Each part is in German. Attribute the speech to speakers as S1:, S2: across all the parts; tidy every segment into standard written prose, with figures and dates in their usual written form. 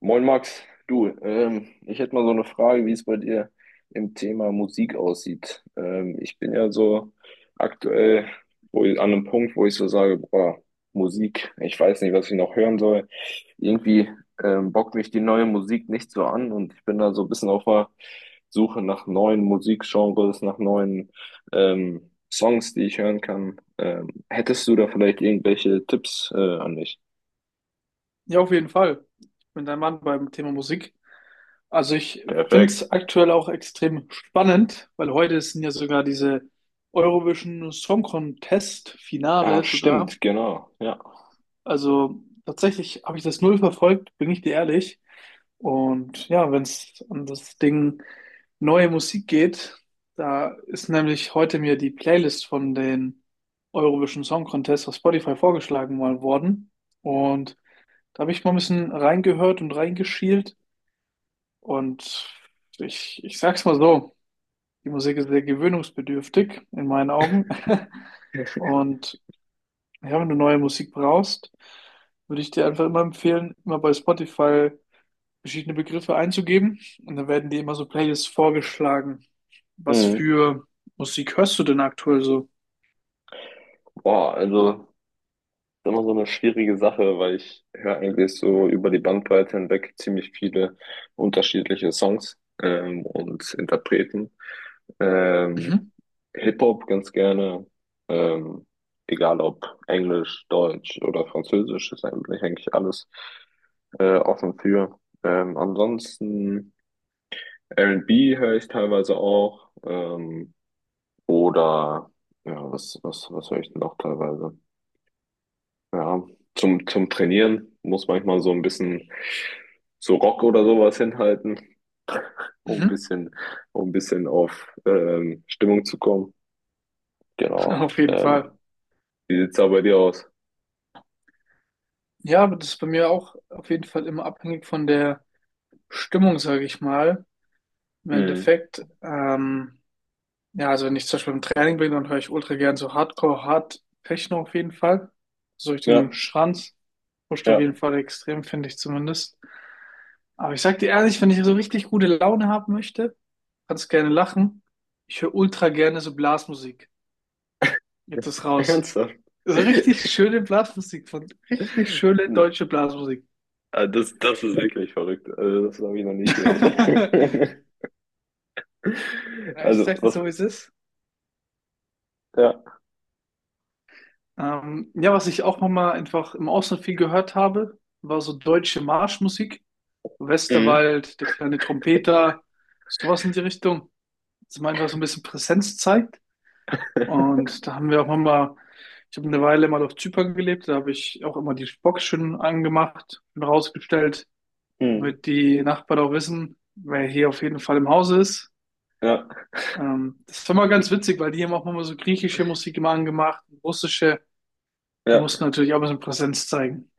S1: Moin Max, du, ich hätte mal so eine Frage, wie es bei dir im Thema Musik aussieht. Ich bin ja so aktuell an einem Punkt, wo ich so sage, boah, Musik, ich weiß nicht, was ich noch hören soll. Irgendwie bockt mich die neue Musik nicht so an und ich bin da so ein bisschen auf der Suche nach neuen Musikgenres, nach neuen Songs, die ich hören kann. Hättest du da vielleicht irgendwelche Tipps an mich?
S2: Ja, auf jeden Fall. Ich bin dein Mann beim Thema Musik. Also ich finde
S1: Perfekt.
S2: es aktuell auch extrem spannend, weil heute sind ja sogar diese Eurovision Song Contest
S1: Ach,
S2: Finale sogar.
S1: stimmt, genau. Ja.
S2: Also tatsächlich habe ich das null verfolgt, bin ich dir ehrlich. Und ja, wenn es um das Ding neue Musik geht, da ist nämlich heute mir die Playlist von den Eurovision Song Contest auf Spotify vorgeschlagen mal worden. Und da habe ich mal ein bisschen reingehört und reingeschielt. Und ich sag's mal so, die Musik ist sehr gewöhnungsbedürftig in meinen Augen. Und ja, wenn du neue Musik brauchst, würde ich dir einfach immer empfehlen, immer bei Spotify verschiedene Begriffe einzugeben. Und dann werden dir immer so Playlists vorgeschlagen. Was
S1: Mhm.
S2: für Musik hörst du denn aktuell so?
S1: Boah, also das ist immer so eine schwierige Sache, weil ich höre eigentlich so über die Bandbreite hinweg ziemlich viele unterschiedliche Songs und Interpreten. Ähm,
S2: Mhm.
S1: Hip-Hop ganz gerne, ähm, egal ob Englisch, Deutsch oder Französisch, ist eigentlich alles offen für. Ansonsten R&B höre ich teilweise auch oder ja, was höre ich denn auch teilweise? Ja, zum Trainieren muss manchmal so ein bisschen so Rock oder sowas hinhalten, um ein
S2: Mhm.
S1: bisschen, um ein bisschen auf Stimmung zu kommen. Genau.
S2: Auf jeden Fall.
S1: Wie sieht's da bei dir aus?
S2: Ja, aber das ist bei mir auch auf jeden Fall immer abhängig von der Stimmung, sage ich mal. Im
S1: Mhm.
S2: Endeffekt, ja, also wenn ich zum Beispiel im Training bin, dann höre ich ultra gern so Hardcore, Hard Techno auf jeden Fall. So durch den
S1: Ja,
S2: Schranz. Pusht auf
S1: ja.
S2: jeden Fall extrem, finde ich zumindest. Aber ich sag dir ehrlich, wenn ich so richtig gute Laune haben möchte, kannst gerne lachen. Ich höre ultra gerne so Blasmusik. Jetzt ist raus.
S1: Ernsthaft?
S2: So richtig schöne Blasmusik von richtig schöne
S1: Ne,
S2: deutsche Blasmusik.
S1: ah, Das ist wirklich verrückt. Also, das habe ich noch nicht gehört.
S2: Ja, ich
S1: Also,
S2: sag dir
S1: was,
S2: so, wie es ist.
S1: ja.
S2: Ja, was ich auch nochmal einfach im Ausland viel gehört habe, war so deutsche Marschmusik.
S1: Mhm.
S2: Westerwald, der kleine Trompeter, sowas in die Richtung. Dass man einfach so ein bisschen Präsenz zeigt. Und da haben wir auch nochmal, ich habe eine Weile mal auf Zypern gelebt, da habe ich auch immer die Box schön angemacht und rausgestellt,
S1: Mhm.
S2: damit die Nachbarn auch wissen, wer hier auf jeden Fall im Hause ist.
S1: Ja,
S2: Das war mal ganz witzig, weil die haben auch immer so griechische Musik immer angemacht, russische. Wir mussten
S1: ja.
S2: natürlich auch ein bisschen Präsenz zeigen.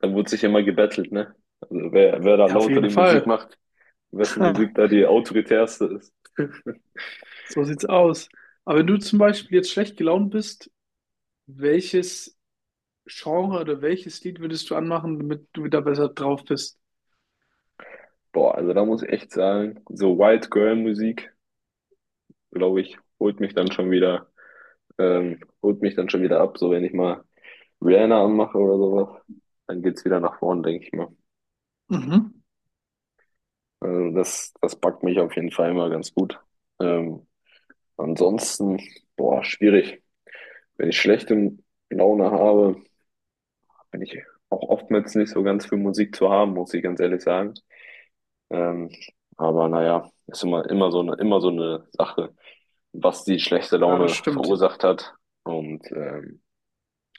S1: Da wurde sich immer gebettelt, ne? Also, wer da
S2: Ja, auf
S1: lauter
S2: jeden
S1: die Musik
S2: Fall.
S1: macht, wessen Musik da die autoritärste ist.
S2: So sieht's aus. Aber wenn du zum Beispiel jetzt schlecht gelaunt bist, welches Genre oder welches Lied würdest du anmachen, damit du wieder besser drauf bist?
S1: Boah, also da muss ich echt sagen, so White Girl Musik, glaube ich, holt mich dann schon wieder ab. So wenn ich mal Rihanna anmache oder sowas, dann geht's wieder nach vorn, denke ich mal.
S2: Mhm.
S1: Also das packt mich auf jeden Fall immer ganz gut. Ähm, Ansonsten, boah, schwierig. Wenn ich schlechte Laune habe, bin ich auch oftmals nicht so ganz für Musik zu haben, muss ich ganz ehrlich sagen. Ähm, aber naja, ist immer so eine Sache, was die schlechte
S2: Ja, das
S1: Laune
S2: stimmt.
S1: verursacht hat. Und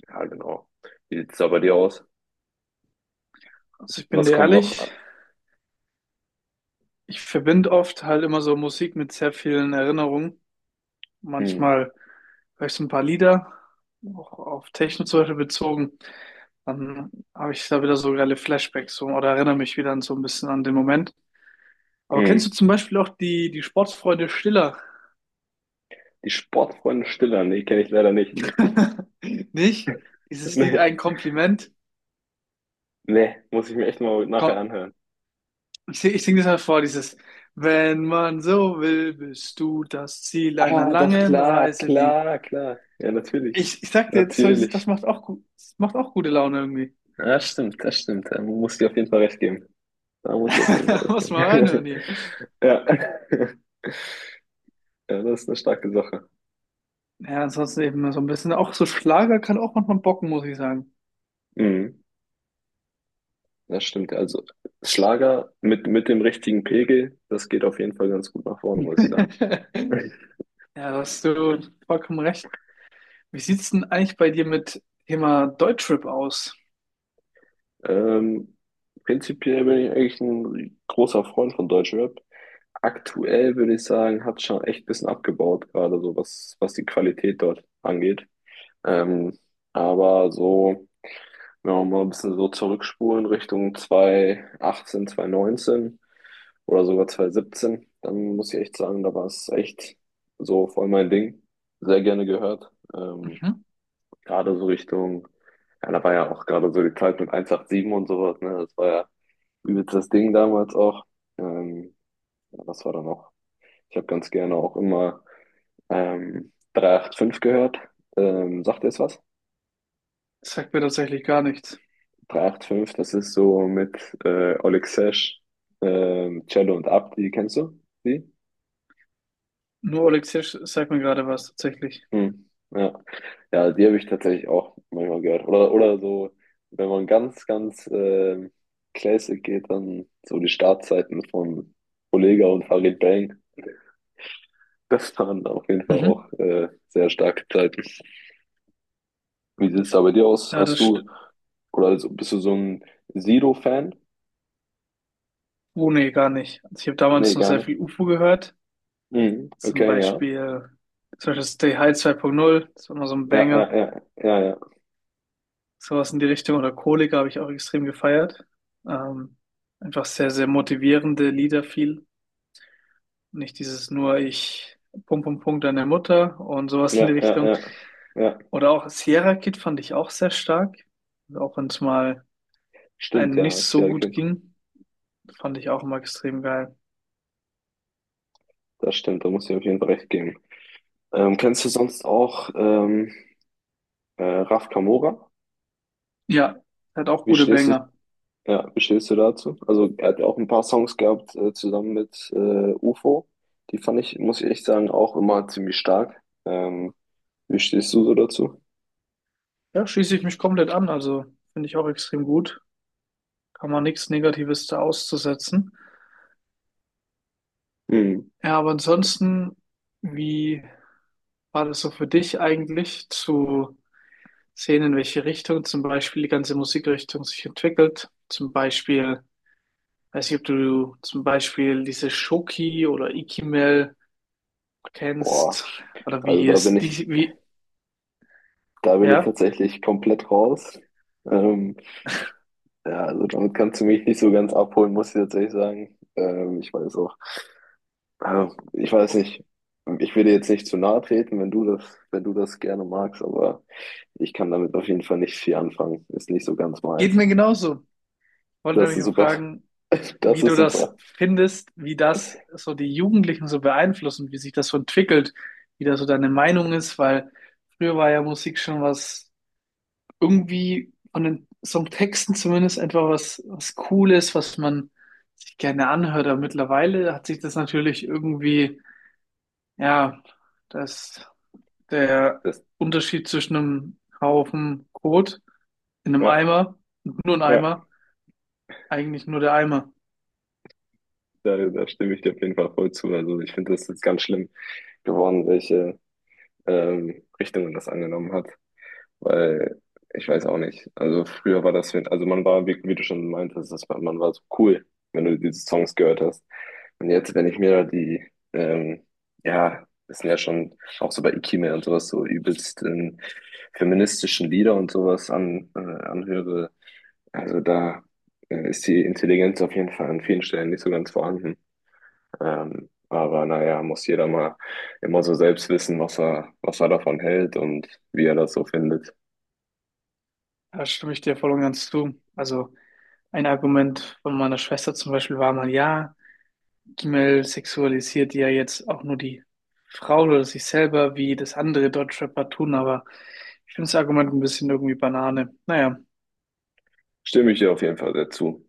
S1: ja, genau. Wie sieht's da bei dir aus?
S2: Also ich bin
S1: Was
S2: dir
S1: kommt noch?
S2: ehrlich,
S1: Ah,
S2: ich verbinde oft halt immer so Musik mit sehr vielen Erinnerungen.
S1: Hm,
S2: Manchmal höre ich so ein paar Lieder, auch auf Techno zum Beispiel bezogen. Dann habe ich da wieder so geile Flashbacks so, oder erinnere mich wieder an so ein bisschen an den Moment. Aber kennst du
S1: hm.
S2: zum Beispiel auch die Sportsfreunde Stiller?
S1: Die Sportfreunde Stiller, nee, kenne ich leider nicht.
S2: Nicht? Dieses Lied
S1: Nee,
S2: ein Kompliment.
S1: nee, muss ich mir echt mal nachher
S2: Komm,
S1: anhören.
S2: ich sing das mal vor, dieses wenn man so will, bist du das Ziel einer
S1: Ah, doch,
S2: langen
S1: klar,
S2: Reise, die.
S1: klar, klar. Ja, natürlich.
S2: Ich sag dir jetzt, so ist es- das
S1: Natürlich.
S2: macht auch gut, das macht auch gute Laune irgendwie.
S1: Ja, stimmt, das stimmt. Da muss ich auf jeden Fall recht geben. Da muss ich auf jeden Fall recht
S2: Muss mal reinhören
S1: geben.
S2: hier.
S1: Ja. Ja, das ist eine starke Sache.
S2: Ja, ansonsten eben so ein bisschen, auch so Schlager kann auch manchmal bocken, muss ich sagen.
S1: Mhm. Das stimmt. Also Schlager mit dem richtigen Pegel, das geht auf jeden Fall ganz gut nach vorne, muss ich sagen.
S2: Ja, da hast du vollkommen recht. Wie sieht's denn eigentlich bei dir mit Thema Deutschrap aus?
S1: Ähm, Prinzipiell bin ich eigentlich ein großer Freund von Deutschrap. Aktuell würde ich sagen, hat schon echt ein bisschen abgebaut, gerade so was, was die Qualität dort angeht. Ähm, aber so. Ja, um mal ein bisschen so zurückspulen Richtung 2018, 2019 oder sogar 2017. Dann muss ich echt sagen, da war es echt so voll mein Ding. Sehr gerne gehört.
S2: Mhm.
S1: Gerade so Richtung, ja, da war ja auch gerade so die Zeit mit 187 und sowas, ne? Das war ja übelst das Ding damals auch. Ähm, ja, was war da noch? Ich habe ganz gerne auch immer 385 gehört. Sagt ihr es was?
S2: Das sagt mir tatsächlich gar nichts.
S1: 385, das ist so mit Oleg Sesh, Cello und Abdi, kennst du die?
S2: Nur Oleksiy sagt mir gerade was tatsächlich.
S1: Hm. Ja. Ja, die habe ich tatsächlich auch manchmal gehört. Oder so, wenn man ganz, ganz Classic geht, dann so die Startzeiten von Olega und Farid Bang. Das waren auf jeden Fall
S2: Mhm.
S1: auch sehr starke Zeiten. Wie sieht es da bei dir aus?
S2: Ja,
S1: Hast
S2: das
S1: du,
S2: stimmt.
S1: oder also bist du so ein Sido-Fan?
S2: Oh, nee, gar nicht. Also ich habe damals
S1: Nee,
S2: noch
S1: gar
S2: sehr
S1: nicht.
S2: viel UFO gehört.
S1: Mhm.
S2: Zum
S1: Okay, ja.
S2: Beispiel, zum Beispiel Stay High 2.0, das war immer so ein
S1: Ja, ja,
S2: Banger.
S1: ja, ja, ja.
S2: Sowas in die Richtung. Oder Kollega habe ich auch extrem gefeiert. Ähm, einfach sehr, sehr motivierende Lieder viel. Nicht dieses nur ich Punkt, Punkt, Punkt deine Mutter und sowas
S1: Ja,
S2: in die
S1: ja,
S2: Richtung.
S1: ja. Ja,
S2: Oder auch Sierra Kid fand ich auch sehr stark. Auch wenn es mal
S1: stimmt,
S2: einem nicht
S1: ja.
S2: so
S1: Serial
S2: gut
S1: Kid.
S2: ging, fand ich auch immer extrem geil.
S1: Das stimmt, da muss ich auf jeden Fall recht geben. Kennst du sonst auch Raf Kamora?
S2: Ja, der hat auch
S1: Wie
S2: gute
S1: stehst du,
S2: Banger.
S1: ja, wie stehst du dazu? Also er hat ja auch ein paar Songs gehabt zusammen mit UFO. Die fand ich, muss ich echt sagen, auch immer ziemlich stark. Ähm, Wie stehst du so dazu?
S2: Ja, schließe ich mich komplett an. Also finde ich auch extrem gut. Kann man nichts Negatives da auszusetzen.
S1: Hm.
S2: Ja, aber ansonsten, wie war das so für dich eigentlich zu sehen, in welche Richtung zum Beispiel die ganze Musikrichtung sich entwickelt? Zum Beispiel, weiß nicht, ob du zum Beispiel diese Shoki oder Ikimel
S1: Boah,
S2: kennst oder
S1: also
S2: wie
S1: da bin
S2: es
S1: ich,
S2: die, wie,
S1: da bin ich
S2: ja,
S1: tatsächlich komplett raus. Ähm, ja, also damit kannst du mich nicht so ganz abholen, muss ich tatsächlich sagen. Ich weiß auch. Also, ich weiß nicht. Ich will dir jetzt nicht zu nahe treten, wenn du das gerne magst, aber ich kann damit auf jeden Fall nicht viel anfangen. Ist nicht so ganz
S2: geht
S1: meins.
S2: mir genauso. Wollte
S1: Das
S2: mich
S1: ist
S2: mal
S1: super.
S2: fragen,
S1: Das
S2: wie du
S1: ist
S2: das
S1: super.
S2: findest, wie das so die Jugendlichen so beeinflusst und wie sich das so entwickelt, wie da so deine Meinung ist, weil früher war ja Musik schon was irgendwie von den Songtexten zumindest etwa was, was Cooles, was man sich gerne anhört, aber mittlerweile hat sich das natürlich irgendwie, ja, dass der
S1: Das,
S2: Unterschied zwischen einem Haufen Kot in einem
S1: ja,
S2: Eimer und nur ein
S1: ja,
S2: Eimer, eigentlich nur der Eimer.
S1: da stimme ich dir auf jeden Fall voll zu. Also ich finde das jetzt ganz schlimm geworden, welche Richtungen das angenommen hat. Weil ich weiß auch nicht. Also früher war das, also man war, wie du schon meintest, das war, man war so cool, wenn du diese Songs gehört hast. Und jetzt, wenn ich mir da die, ähm, ja, das sind ja schon auch so bei Ikime und sowas, so übelst feministischen Lieder und sowas an, anhöre, also da ist die Intelligenz auf jeden Fall an vielen Stellen nicht so ganz vorhanden. Aber naja, muss jeder mal immer so selbst wissen, was er davon hält und wie er das so findet.
S2: Da stimme ich dir voll und ganz zu. Also, ein Argument von meiner Schwester zum Beispiel war mal, ja, Gimel sexualisiert ja jetzt auch nur die Frau oder sich selber, wie das andere Deutschrapper tun, aber ich finde das Argument ein bisschen irgendwie Banane. Naja.
S1: Stimme ich dir auf jeden Fall dazu.